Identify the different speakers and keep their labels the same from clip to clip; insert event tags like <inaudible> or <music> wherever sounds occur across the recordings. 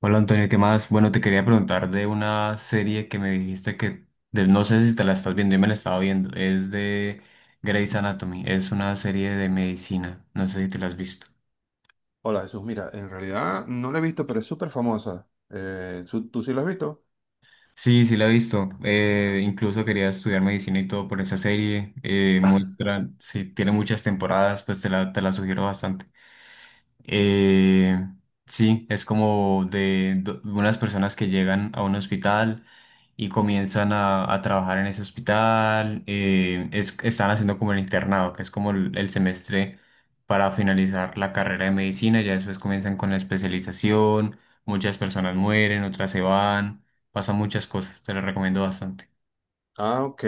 Speaker 1: Hola Antonio, ¿qué más? Bueno, te quería preguntar de una serie que me dijiste que no sé si te la estás viendo, yo me la estaba viendo, es de Grey's Anatomy, es una serie de medicina, no sé si te la has visto.
Speaker 2: Hola Jesús, mira, en realidad no la he visto, pero es súper famosa. ¿Tú sí la has visto?
Speaker 1: Sí, sí la he visto, incluso quería estudiar medicina y todo por esa serie, muestra, sí, tiene muchas temporadas, pues te la sugiero bastante. Eh, sí, es como de unas personas que llegan a un hospital y comienzan a trabajar en ese hospital. Están haciendo como el internado, que es como el semestre para finalizar la carrera de medicina. Ya después comienzan con la especialización. Muchas personas mueren, otras se van. Pasan muchas cosas. Te lo recomiendo bastante.
Speaker 2: Ah, ok,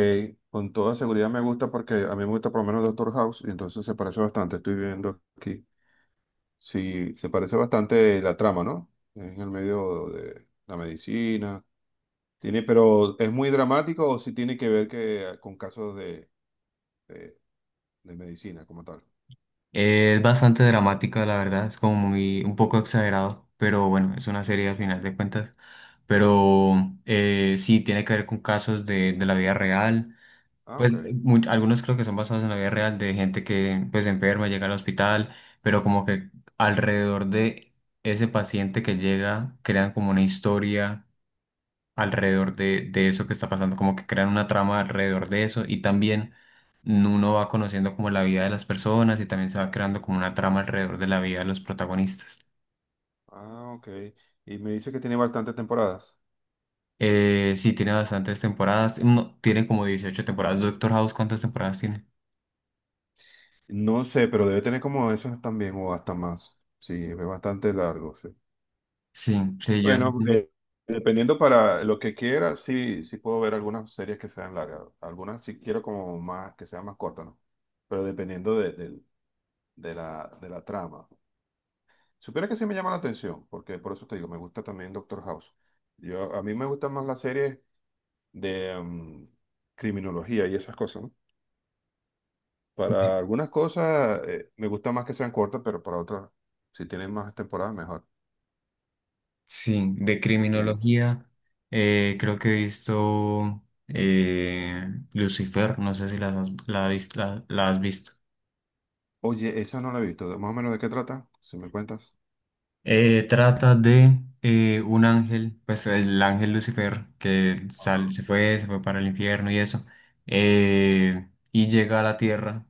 Speaker 2: con toda seguridad me gusta porque a mí me gusta por lo menos Doctor House y entonces se parece bastante, estoy viendo aquí. Sí, se parece bastante la trama, ¿no? En el medio de la medicina. Tiene, pero ¿es muy dramático o si tiene que ver con casos de, de medicina como tal?
Speaker 1: Es bastante dramática, la verdad, es como muy, un poco exagerado, pero bueno, es una serie al final de cuentas. Pero sí, tiene que ver con casos de la vida real.
Speaker 2: Ah,
Speaker 1: Pues
Speaker 2: ok,
Speaker 1: mu- algunos creo que son basados en la vida real de gente que pues enferma, llega al hospital, pero como que alrededor de ese paciente que llega crean como una historia alrededor de eso que está pasando, como que crean una trama alrededor de eso y también uno va conociendo como la vida de las personas y también se va creando como una trama alrededor de la vida de los protagonistas.
Speaker 2: ah, ok. Y me dice que tiene bastantes temporadas.
Speaker 1: Sí, tiene bastantes temporadas, no, tiene como 18 temporadas. Doctor House, ¿cuántas temporadas tiene?
Speaker 2: No sé, pero debe tener como esos también o hasta más. Sí, es bastante largo, sí.
Speaker 1: Sí, sí
Speaker 2: Bueno, dependiendo para lo que quiera, sí, sí puedo ver algunas series que sean largas. Algunas sí quiero como más, que sean más cortas, ¿no? Pero dependiendo de la trama. Supiera que sí me llama la atención, porque por eso te digo, me gusta también Doctor House. A mí me gustan más las series de criminología y esas cosas, ¿no? Para
Speaker 1: de-
Speaker 2: algunas cosas me gusta más que sean cortas, pero para otras, si tienen más temporadas, mejor.
Speaker 1: Sí, de
Speaker 2: Fino.
Speaker 1: criminología, creo que he visto Lucifer, no sé si las has- la, has vis- la la has visto.
Speaker 2: Oye, esa no la he visto. Más o menos de qué trata, si me cuentas.
Speaker 1: Trata de un ángel, pues el ángel Lucifer, que
Speaker 2: Ajá.
Speaker 1: sal- se fue, se fue para el infierno y eso, y llega a la tierra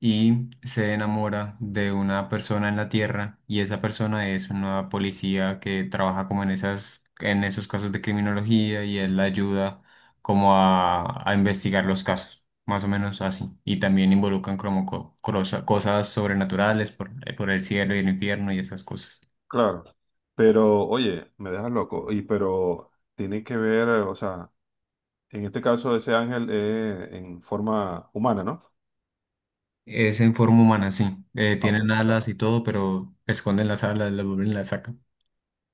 Speaker 1: y se enamora de una persona en la tierra y esa persona es una policía que trabaja como en esas, en esos casos de criminología y él la ayuda como a investigar los casos, más o menos así, y también involucran como cosas sobrenaturales por el cielo y el infierno y esas cosas.
Speaker 2: Claro. Pero, oye, me dejas loco. Y pero tiene que ver, o sea, en este caso ese ángel es en forma humana, ¿no?
Speaker 1: Es en forma humana, sí.
Speaker 2: Ok,
Speaker 1: Tienen
Speaker 2: sabe.
Speaker 1: alas y todo, pero esconden las alas, las vuelven y las sacan.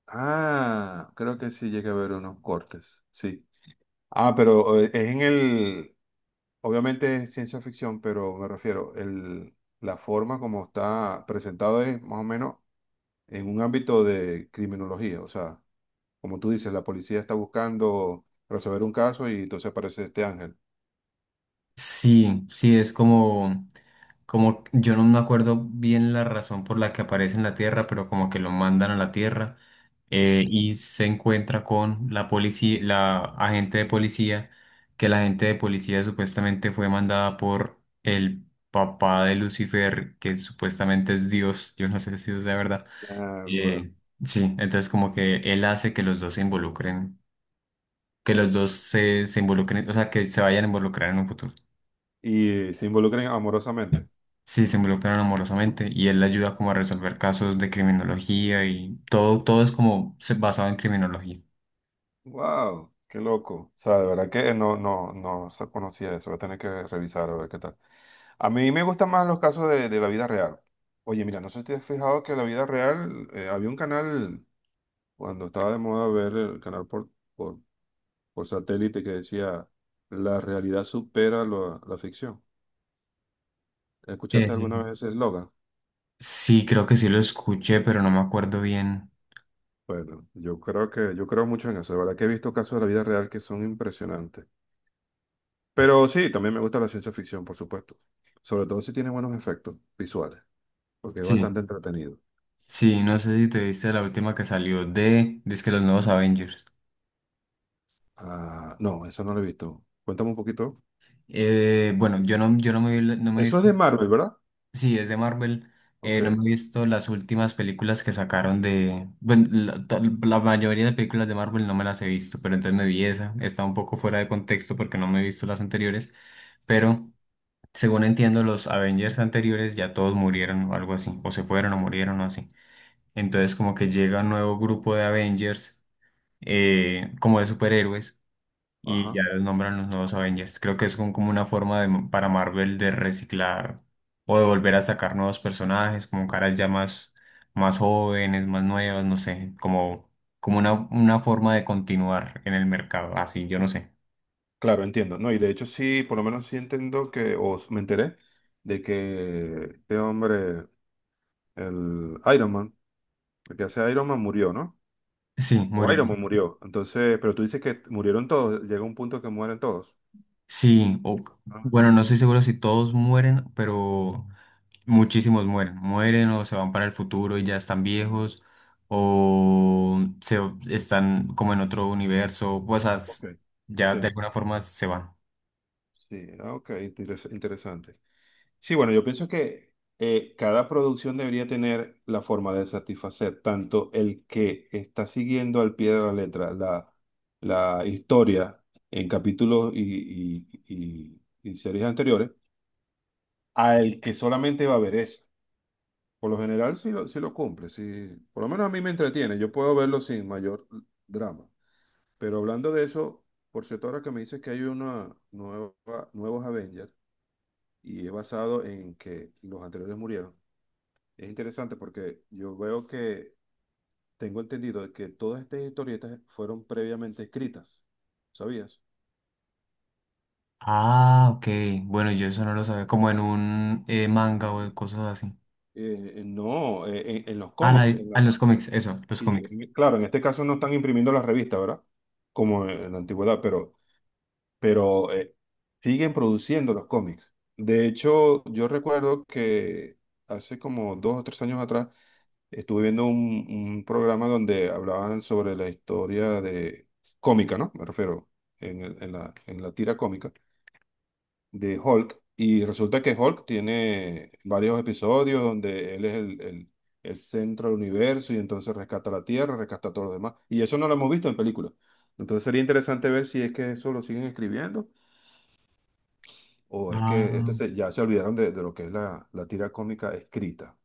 Speaker 2: Ah, creo que sí llega a haber unos cortes. Sí. Ah, pero obviamente es ciencia ficción, pero me refiero, la forma como está presentado es más o menos en un ámbito de criminología. O sea, como tú dices, la policía está buscando resolver un caso y entonces aparece este ángel.
Speaker 1: Sí, sí, es como, yo no me acuerdo bien la razón por la que aparece en la Tierra, pero como que lo mandan a la Tierra y se encuentra con la policía, la agente de policía, que la agente de policía supuestamente fue mandada por el papá de Lucifer, que supuestamente es Dios, yo no sé si eso sea verdad.
Speaker 2: Ah, bueno.
Speaker 1: Eh, sí, entonces como que él hace que los dos se involucren, que los dos se involucren, o sea, que se vayan a involucrar en un futuro.
Speaker 2: Y se involucran
Speaker 1: Ya.
Speaker 2: amorosamente.
Speaker 1: Sí, se involucran amorosamente y él le ayuda como a resolver casos de criminología y todo, todo es como basado en criminología.
Speaker 2: ¡Wow! ¡Qué loco! O sea, de verdad que no se conocía eso. Voy a tener que revisar a ver qué tal. A mí me gustan más los casos de la vida real. Oye, mira, no sé si te has fijado que en la vida real había un canal. Cuando estaba de moda ver el canal por, por satélite que decía, la realidad supera lo- la ficción. ¿Escuchaste alguna
Speaker 1: Eh,
Speaker 2: vez ese eslogan?
Speaker 1: sí, creo que sí lo escuché, pero no me acuerdo bien.
Speaker 2: Bueno, yo creo mucho en eso. De verdad que he visto casos de la vida real que son impresionantes. Pero sí, también me gusta la ciencia ficción, por supuesto. Sobre todo si tiene buenos efectos visuales, porque es bastante
Speaker 1: Sí,
Speaker 2: entretenido.
Speaker 1: sí, no sé si te viste la última que salió dice que los nuevos Avengers.
Speaker 2: Ah, no, eso no lo he visto. Cuéntame un poquito.
Speaker 1: Bueno, yo no, me vi, no me he
Speaker 2: Eso es
Speaker 1: visto.
Speaker 2: de Marvel, ¿verdad?
Speaker 1: Sí, es de Marvel. No me
Speaker 2: Ok.
Speaker 1: he visto las últimas películas que sacaron. Bueno, la mayoría de películas de Marvel no me las he visto, pero entonces me vi esa. Está un poco fuera de contexto porque no me he visto las anteriores, pero según entiendo, los Avengers anteriores ya todos murieron o algo así, o se fueron o murieron o así. Entonces como que llega un nuevo grupo de Avengers, como de superhéroes y
Speaker 2: Ajá.
Speaker 1: ya los nombran los nuevos Avengers. Creo que es como una forma para Marvel de reciclar o de volver a sacar nuevos personajes, como caras ya más jóvenes, más nuevas, no sé, como una forma de continuar en el mercado. Así, yo no sé.
Speaker 2: Claro, entiendo, ¿no? Y de hecho sí, por lo menos sí entiendo que me enteré de que este hombre, el Iron Man, el que hace Iron Man murió, ¿no?
Speaker 1: Sí,
Speaker 2: O
Speaker 1: murió.
Speaker 2: Iron Man murió. Entonces, pero tú dices que murieron todos, llega un punto que mueren todos.
Speaker 1: Sí, o,
Speaker 2: Ah,
Speaker 1: bueno, no estoy seguro si todos mueren, pero muchísimos mueren. Mueren o se van para el futuro y ya están viejos, o se están como en otro universo, o sea,
Speaker 2: ok.
Speaker 1: ya de
Speaker 2: Sí,
Speaker 1: alguna forma se van.
Speaker 2: sí, ah, ok, interesante. Sí, bueno, yo pienso que cada producción debería tener la forma de satisfacer tanto el que está siguiendo al pie de la letra la historia en capítulos y series anteriores, al que solamente va a ver eso. Por lo general, sí lo cumple, sí, por lo menos a mí me entretiene, yo puedo verlo sin mayor drama. Pero hablando de eso, por cierto, ahora que me dices que hay nuevos Avengers y es basado en que los anteriores murieron. Es interesante porque yo veo que tengo entendido de que todas estas historietas fueron previamente escritas, ¿sabías?
Speaker 1: Ah, ok. Bueno, yo eso no lo sabía, como en un manga
Speaker 2: Mm.
Speaker 1: o cosas así.
Speaker 2: No, en los
Speaker 1: Ah,
Speaker 2: cómics.
Speaker 1: ah, los cómics, eso, los
Speaker 2: Y
Speaker 1: cómics.
Speaker 2: claro, en este caso no están imprimiendo las revistas, ¿verdad? Como en la antigüedad, pero siguen produciendo los cómics. De hecho, yo recuerdo que hace como dos o tres años atrás estuve viendo un programa donde hablaban sobre la historia de cómica, ¿no? Me refiero en la tira cómica de Hulk. Y resulta que Hulk tiene varios episodios donde él es el centro del universo y entonces rescata la Tierra, rescata a todos los demás. Y eso no lo hemos visto en películas. Entonces sería interesante ver si es que eso lo siguen escribiendo o es que
Speaker 1: Ah,
Speaker 2: ya se olvidaron de lo que es la tira cómica escrita,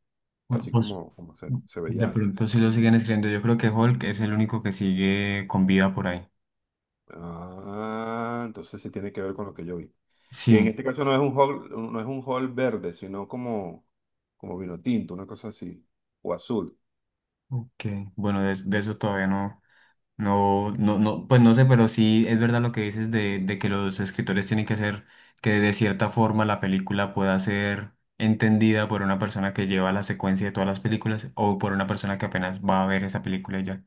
Speaker 1: bueno,
Speaker 2: así
Speaker 1: pues
Speaker 2: como, como se
Speaker 1: mm,
Speaker 2: se
Speaker 1: de
Speaker 2: veía
Speaker 1: pronto
Speaker 2: antes.
Speaker 1: sí lo siguen escribiendo. Yo creo que Hulk es el único que sigue con vida por ahí.
Speaker 2: Ah, entonces sí tiene que ver con lo que yo vi. Que en
Speaker 1: Sí.
Speaker 2: este caso no es un hall, no es un hall verde, sino como, como vino tinto, una cosa así, o azul.
Speaker 1: Ok, bueno, de eso todavía no, no, no, no, pues no sé, pero sí es verdad lo que dices de que los escritores tienen que hacer que de cierta forma la película pueda ser entendida por una persona que lleva la secuencia de todas las películas o por una persona que apenas va a ver esa película y ya.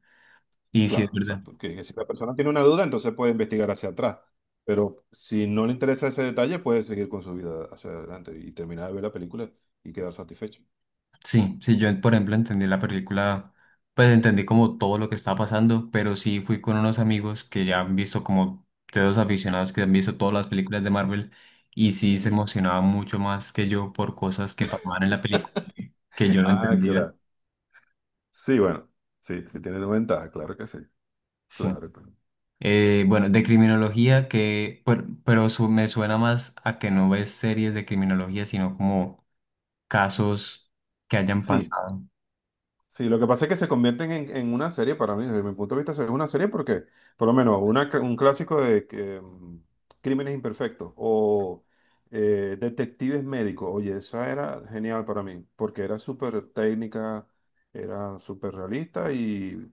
Speaker 1: Y sí es
Speaker 2: Claro,
Speaker 1: verdad.
Speaker 2: exacto. Que si la persona tiene una duda, entonces puede investigar hacia atrás. Pero si no le interesa ese detalle, puede seguir con su vida hacia adelante y terminar de ver la película y quedar satisfecho.
Speaker 1: Sí, sí, yo por ejemplo entendí la película, pues entendí como todo lo que estaba pasando, pero sí fui con unos amigos que ya han visto como de dos aficionados que han visto todas las películas de Marvel y sí se
Speaker 2: Ujú.
Speaker 1: emocionaba mucho más que yo por cosas que pasaban en la película que
Speaker 2: <laughs>
Speaker 1: yo no
Speaker 2: Ah,
Speaker 1: entendía.
Speaker 2: claro. Sí, bueno, sí, sí tiene una ventaja, claro que sí.
Speaker 1: Sí.
Speaker 2: Claro, claro.
Speaker 1: Bueno, de criminología pero, me suena más a que no ves series de criminología, sino como casos que hayan
Speaker 2: Sí. Sí,
Speaker 1: pasado
Speaker 2: sí, lo que pasa es que se convierten en una serie para mí, desde mi punto de vista, es una serie porque, por lo menos, un clásico de que, Crímenes Imperfectos o Detectives Médicos. Oye, esa era genial para mí porque era súper técnica, era súper realista y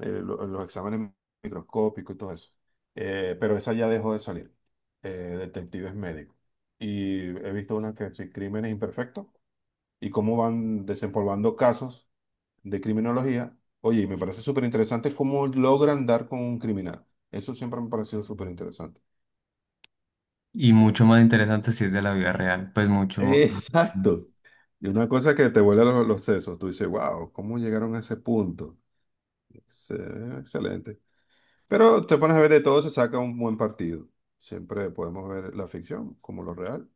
Speaker 2: los exámenes microscópicos y todo eso. Pero esa ya dejó de salir, Detectives Médicos. Y he visto una que es Crímenes Imperfectos y cómo van desempolvando casos de criminología. Oye, y me parece súper interesante cómo logran dar con un criminal. Eso siempre me ha parecido súper interesante.
Speaker 1: y mucho más interesante si es de la vida real, pues mucho más. Sí.
Speaker 2: Exacto. Y una cosa que te vuela los sesos, tú dices, wow, ¿cómo llegaron a ese punto? Excelente. Pero te pones a ver de todo, se saca un buen partido. Siempre podemos ver la ficción como lo real,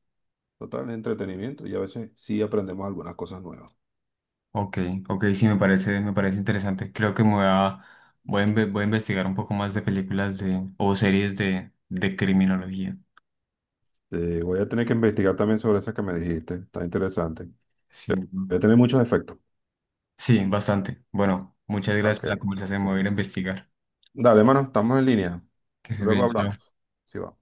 Speaker 2: total entretenimiento y a veces sí aprendemos algunas cosas nuevas.
Speaker 1: Ok, ok, sí, me parece interesante. Creo que me voy a, voy a, inve- voy a investigar un poco más de películas o series de criminología.
Speaker 2: Voy a tener que investigar también sobre esa que me dijiste, está interesante.
Speaker 1: Sí,
Speaker 2: Voy
Speaker 1: ¿no?
Speaker 2: a tener muchos efectos.
Speaker 1: Sí, bastante. Bueno, muchas gracias
Speaker 2: Ok,
Speaker 1: por la conversación. Me voy a
Speaker 2: sí.
Speaker 1: ir a investigar.
Speaker 2: Dale, mano, estamos en línea.
Speaker 1: Que se
Speaker 2: Luego
Speaker 1: bien, chao.
Speaker 2: hablamos. Sí, va.